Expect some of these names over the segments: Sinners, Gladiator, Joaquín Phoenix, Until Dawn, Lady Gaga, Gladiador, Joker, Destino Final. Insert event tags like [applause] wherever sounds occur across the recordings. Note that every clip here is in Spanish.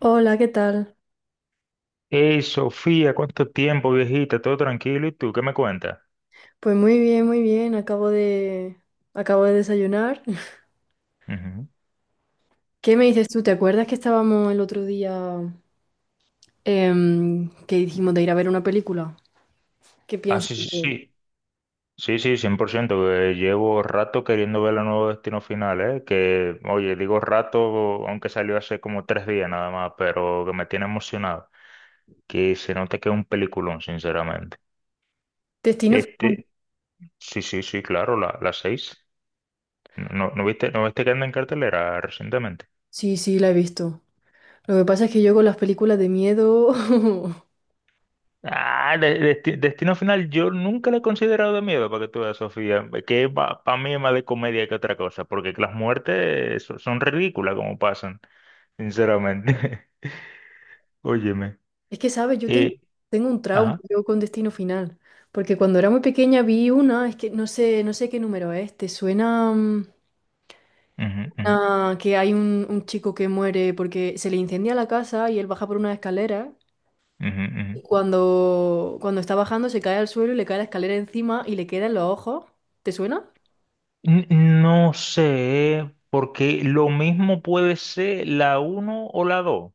Hola, ¿qué tal? Hey, Sofía, ¿cuánto tiempo, viejita? ¿Todo tranquilo? ¿Y tú qué me cuentas? Pues muy bien, muy bien. Acabo de desayunar. [laughs] Ujú. ¿Qué me dices tú? ¿Te acuerdas que estábamos el otro día que dijimos de ir a ver una película? ¿Qué Ah, piensas? sí, sí, sí. Sí, sí, 100% que llevo rato queriendo ver la nueva Destino Final, ¿eh? Que, oye, digo rato, aunque salió hace como 3 días nada más, pero que me tiene emocionado. Que se nota que es un peliculón, sinceramente. Destino Final. Este, sí, sí, sí, claro, la 6. ¿No, no viste que anda en cartelera recientemente? Sí, sí, la he visto. Lo que pasa es que yo con las películas de miedo, [laughs] Ah, Destino Final, yo nunca la he considerado de miedo, para que tú veas, Sofía, que para mí es más de comedia que otra cosa, porque las muertes son ridículas como pasan, sinceramente. [laughs] Óyeme. es que, ¿sabes? Eh, Tengo un trauma ajá. yo con Destino Final, porque cuando era muy pequeña vi una, es que no sé, no sé qué número es. ¿Te suena? Ujú, ujú, Ah, que hay un chico que muere porque se le incendia la casa y él baja por una escalera ujú, y ujú. Cuando está bajando se cae al suelo y le cae la escalera encima y le queda en los ojos. ¿Te suena? N- No sé, porque lo mismo puede ser la uno o la 2,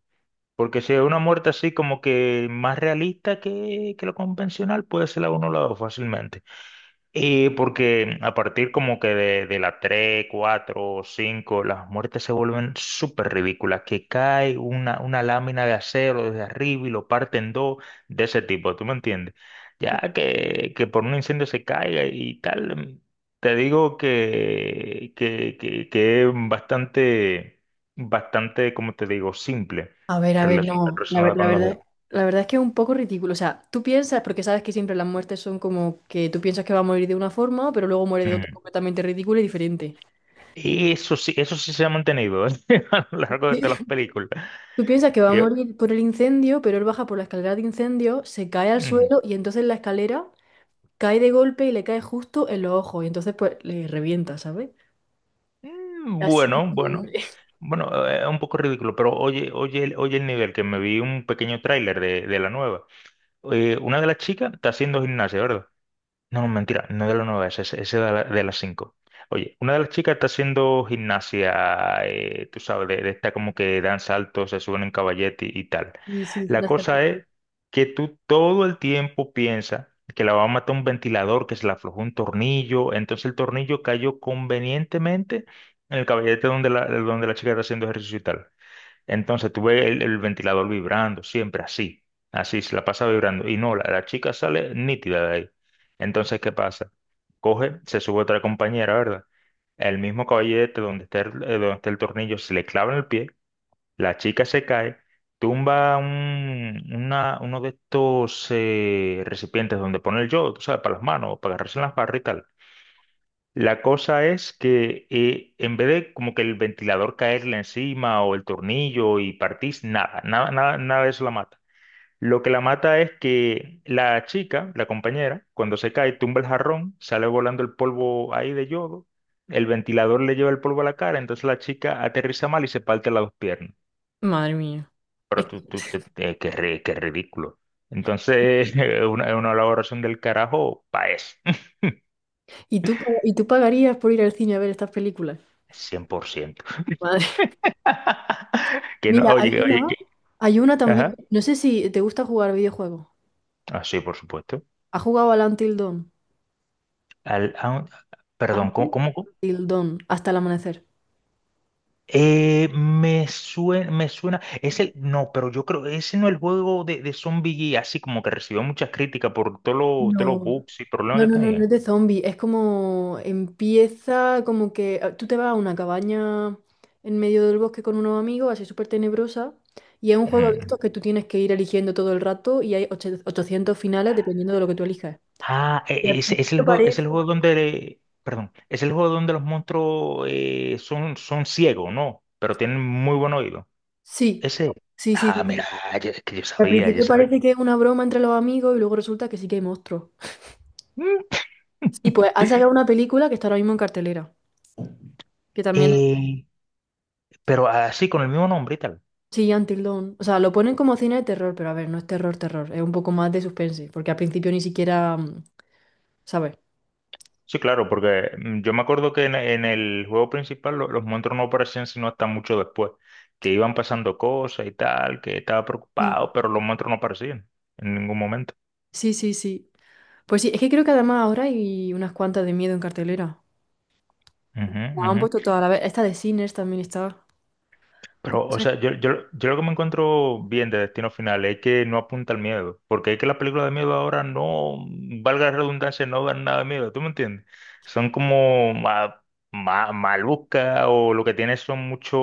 porque si es una muerte así como que más realista que lo convencional, puede ser la uno o la 2 fácilmente. Y porque a partir como que de la 3, 4, 5 las muertes se vuelven súper ridículas, que cae una lámina de acero desde arriba y lo parten dos de ese tipo, ¿tú me entiendes? Ya que por un incendio se caiga y tal, te digo que es bastante, bastante, como te digo, simple A ver, no, la, ver- relacionada la con los verdad. dedos. La verdad es que es un poco ridículo. O sea, tú piensas, porque sabes que siempre las muertes son como que tú piensas que va a morir de una forma, pero luego muere de otra Ujú. completamente ridícula y diferente. Y eso sí se ha mantenido [laughs] a lo largo de todas las [laughs] películas. Tú piensas que va a morir por el incendio, pero él baja por la escalera de incendio, se cae al Ujú. suelo y entonces la escalera cae de golpe y le cae justo en los ojos y entonces pues le revienta, ¿sabes? Así de Bueno, bueno, pobre. [laughs] bueno, es un poco ridículo, pero oye, oye, oye el nivel, que me vi un pequeño tráiler de la nueva. Una de las chicas está haciendo gimnasia, ¿verdad? No, no, mentira, no de las nueve, ese de, de las cinco. Oye, una de las chicas está haciendo gimnasia, tú sabes, de esta como que dan saltos, se suben en caballete y tal. Y sí, fue La una cerda. cosa es que tú todo el tiempo piensas que la va a matar un ventilador, que se le aflojó un tornillo, entonces el tornillo cayó convenientemente en el caballete donde la chica está haciendo ejercicio y tal. Entonces tuve el ventilador vibrando, siempre así, así se la pasa vibrando. Y no, la chica sale nítida de ahí. Entonces, ¿qué pasa? Coge, se sube otra compañera, ¿verdad? El mismo caballete donde está el tornillo se le clava en el pie, la chica se cae, tumba uno de estos recipientes donde pone el yodo, tú sabes, para las manos, para agarrarse en las barras y tal. La cosa es que en vez de como que el ventilador caerle encima o el tornillo y partís, nada, nada, nada, nada de eso la mata. Lo que la mata es que la chica, la compañera, cuando se cae, tumba el jarrón, sale volando el polvo ahí de yodo, el ventilador le lleva el polvo a la cara, entonces la chica aterriza mal y se parte las dos piernas. Madre mía. Es Pero que- qué ridículo. Entonces, [laughs] es una elaboración del carajo, pa' eso, [laughs] ¿Y tú, y tú pagarías por ir al cine a ver estas películas? 100%. Madre. Que no, Mira, hay oye, oye, una, que, hay una también. ajá. No sé si te gusta jugar videojuegos. Ah, sí, por supuesto. ¿Has jugado al Until Dawn? Al, a- Perdón, ¿cómo? ¿Cómo? Until Dawn, hasta el amanecer. Me suena, me suena, no, pero yo creo, ese no es el juego de Zombie así como que recibió muchas críticas por todos todos los No, bugs y problemas no, que no, no, no tenía. es de zombie, es como empieza como que ah, tú te vas a una cabaña en medio del bosque con unos amigos, así súper tenebrosa, y es un juego de Ujú. estos que tú tienes que ir eligiendo todo el rato y hay 800 finales dependiendo de lo que tú elijas. Ah, Y al principio es el parece... juego donde, perdón, es el juego donde los monstruos son ciegos, ¿no? Pero tienen muy buen oído. Sí, Ese, sí, sí, ah, sí, sí. mira, es que yo Al sabía, yo principio [laughs] sabía. parece que es una broma entre los amigos y luego resulta que sí que hay monstruos. Mm. Sí, pues [laughs] han sacado una película que está ahora mismo en cartelera, que también Eh, pero así con el mismo nombre y tal. sí, Until Dawn. O sea, lo ponen como cine de terror, pero a ver, no es terror, terror. Es un poco más de suspense, porque al principio ni siquiera, ¿sabes? Sí, claro, porque yo me acuerdo que en el juego principal los monstruos no aparecían sino hasta mucho después, que iban pasando cosas y tal, que estaba Sí, preocupado, pero los monstruos no aparecían en ningún momento. sí, sí, sí. Pues sí, es que creo que además ahora hay unas cuantas de miedo en cartelera. Ujú, La han puesto ujú. toda la vez. Esta de Sinners también está. ¿Qué Pero, o pasa? sea, yo lo que me encuentro bien de Destino Final es que no apunta al miedo, porque es que las películas de miedo ahora no, valga la redundancia, no dan nada de miedo, ¿tú me entiendes? Son como malucas o lo que tiene son mucho,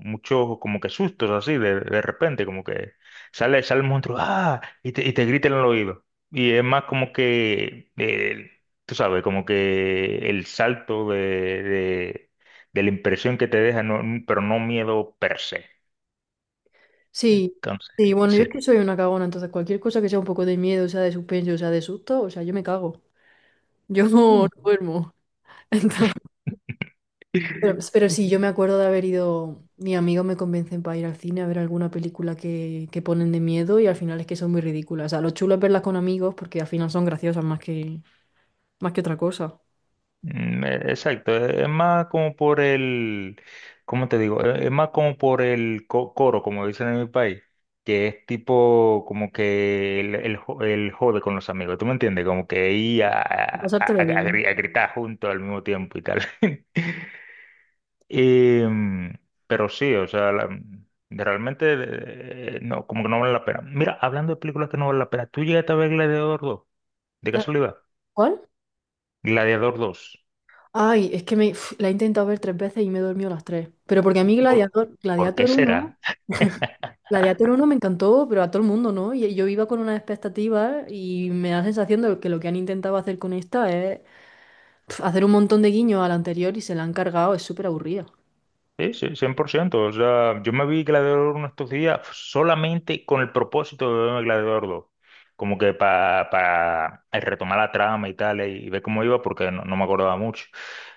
mucho como que sustos así, de repente, como que sale el monstruo, ¡ah! Y te, y te grita en el oído. Y es más como que, tú sabes, como que el salto de de la impresión que te deja, pero no miedo per se. Sí, Entonces, sí, bueno, yo es sí. que soy una cagona, entonces cualquier cosa que sea un poco de miedo, sea de suspense, o sea de susto, o sea, yo me cago. Yo [laughs] no Mm. duermo. [laughs] Entonces, pero sí, yo me acuerdo de haber ido, mis amigos me convencen para ir al cine a ver alguna película que ponen de miedo y al final es que son muy ridículas. O sea, lo chulo es verlas con amigos porque al final son graciosas más que otra cosa. Exacto, es más como por ¿cómo te digo? Es más como por el coro, como dicen en mi país, que es tipo como que el, el jode con los amigos, ¿tú me entiendes? Como que ir a, Por a- a- Pasártelo a bien. gri- a gritar juntos al mismo tiempo y tal. [laughs] Y, pero sí, o sea, realmente no, como que no vale la pena. Mira, hablando de películas que no vale la pena, ¿tú llegaste a ver Gladiador Dos? De Ah, casualidad. ¿cuál? Gladiador Dos. Ay, es que me, uf, la he intentado ver tres veces y me he dormido las tres. Pero porque a mí ¿Por, por qué Gladiator uno. será? Gladiator uno me encantó, pero a todo el mundo, ¿no? Y yo iba con unas expectativas y me da la sensación de que lo que han intentado hacer con esta es pf, hacer un montón de guiños a la anterior y se la han cargado, es súper aburrida. Sí, sí, 100%. O sea, yo me vi Gladiador Uno estos días solamente con el propósito de verme Gladiador Dos, como que para retomar la trama y tal, y ver cómo iba, porque no me acordaba mucho.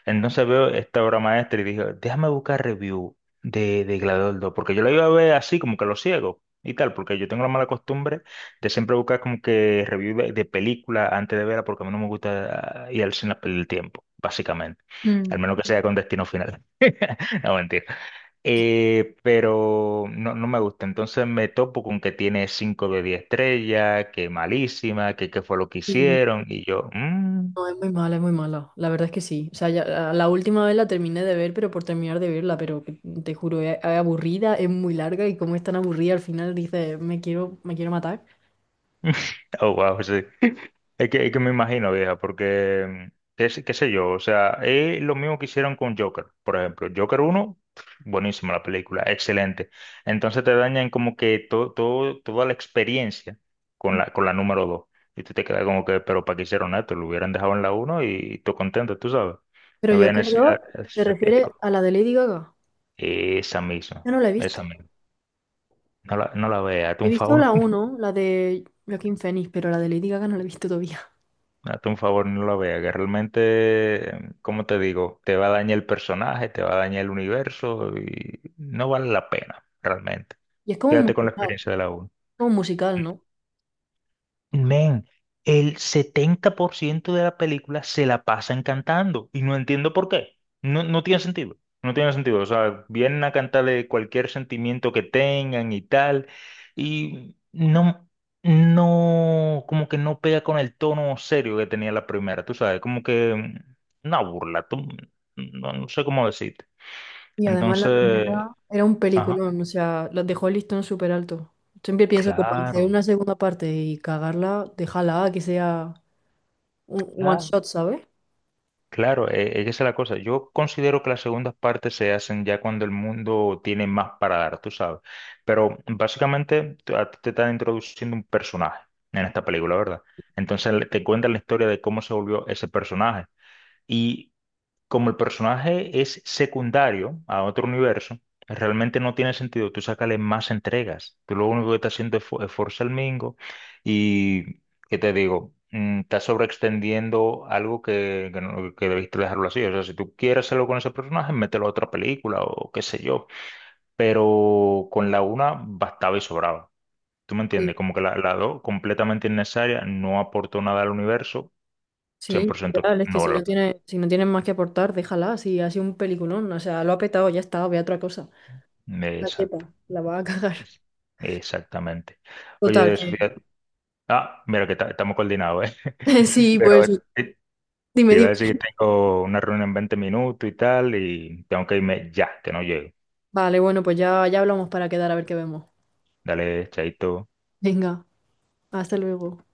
Entonces veo esta obra maestra y dije, déjame buscar review de Gladiador Dos, porque yo la iba a ver así, como que lo ciego y tal, porque yo tengo la mala costumbre de siempre buscar como que review de película antes de verla, porque a mí no me gusta ir al cine a perder el tiempo, básicamente. Mm. Al menos que sea con Destino Final. [laughs] No, mentira. Pero no me gusta. Entonces me topo con que tiene 5 de 10 estrellas, que malísima, que qué fue lo que Sí. hicieron. Y yo, "Mm". No, es muy mala, es muy mala. La verdad es que sí. O sea, la última vez la terminé de ver, pero por terminar de verla, pero te juro, es aburrida, es muy larga y como es tan aburrida al final dices, me quiero matar. [laughs] Oh, wow, sí. Es que me imagino, vieja, porque, qué sé yo, o sea, es lo mismo que hicieron con Joker, por ejemplo. Joker uno, buenísima la película, excelente. Entonces te dañan como que toda la experiencia con la número 2. Y tú te quedas como que, pero ¿para qué hicieron esto? Lo hubieran dejado en la uno y tú contento, tú sabes. Pero No yo había necesidad creo, de hacer ¿te ese refieres fiasco. a la de Lady Gaga? Esa misma, Yo no la he esa visto. misma. No la veas, hazte He un visto favor. la uno, la de Joaquín Phoenix, pero la de Lady Gaga no la he visto todavía. Hazte un favor, no lo veas, que realmente, como te digo, te va a dañar el personaje, te va a dañar el universo y no vale la pena, realmente. Y es Quédate con la experiencia de la uno. como un musical, ¿no? Men, el 70% de la película se la pasan cantando y no entiendo por qué. No, no tiene sentido. No tiene sentido. O sea, vienen a cantarle cualquier sentimiento que tengan y tal. Y no, como que no pega con el tono serio que tenía la primera, tú sabes, como que una burla, tú, no, sé cómo decirte. Y Mm. además la Entonces, primera era un ajá, peliculón, o sea, la dejó el listón súper alto. Siempre pienso que para hacer claro, una segunda parte y cagarla, déjala que sea un one claro. shot, ¿sabes? Claro, esa es la cosa. Yo considero que las segundas partes se hacen ya cuando el mundo tiene más para dar, tú sabes. Pero básicamente a ti te están introduciendo un personaje en esta película, ¿verdad? Entonces te cuentan la historia de cómo se volvió ese personaje, como el personaje es secundario a otro universo, realmente no tiene sentido tú sacarle más entregas. Tú lo único que estás haciendo es forzar el mingo y, ¿qué te digo? Estás sobreextendiendo algo que, no- que debiste dejarlo así. O sea, si tú quieres hacerlo con ese personaje, mételo a otra película o qué sé yo. Pero con la una bastaba y sobraba. ¿Tú me Sí, entiendes? Como que la dos, completamente innecesaria, no aportó nada al universo. Cien sí, por ciento literal, es que no si no valor. tiene, si no tienes más que aportar, déjala, si ha sido un peliculón, o sea, lo ha petado, ya está, ve a otra cosa. La chepa, Exacto. la va a cagar. Es- Exactamente. Total, Oye, que... Sofía, mira que estamos coordinados, ¿eh? [laughs] [laughs] Sí, Pero pues te, te dime, iba a dime. decir que tengo una reunión en 20 minutos y tal, y tengo que irme ya, que no llego. Vale, bueno, pues ya, ya hablamos para quedar a ver qué vemos. Dale, chaito. Venga, hasta luego.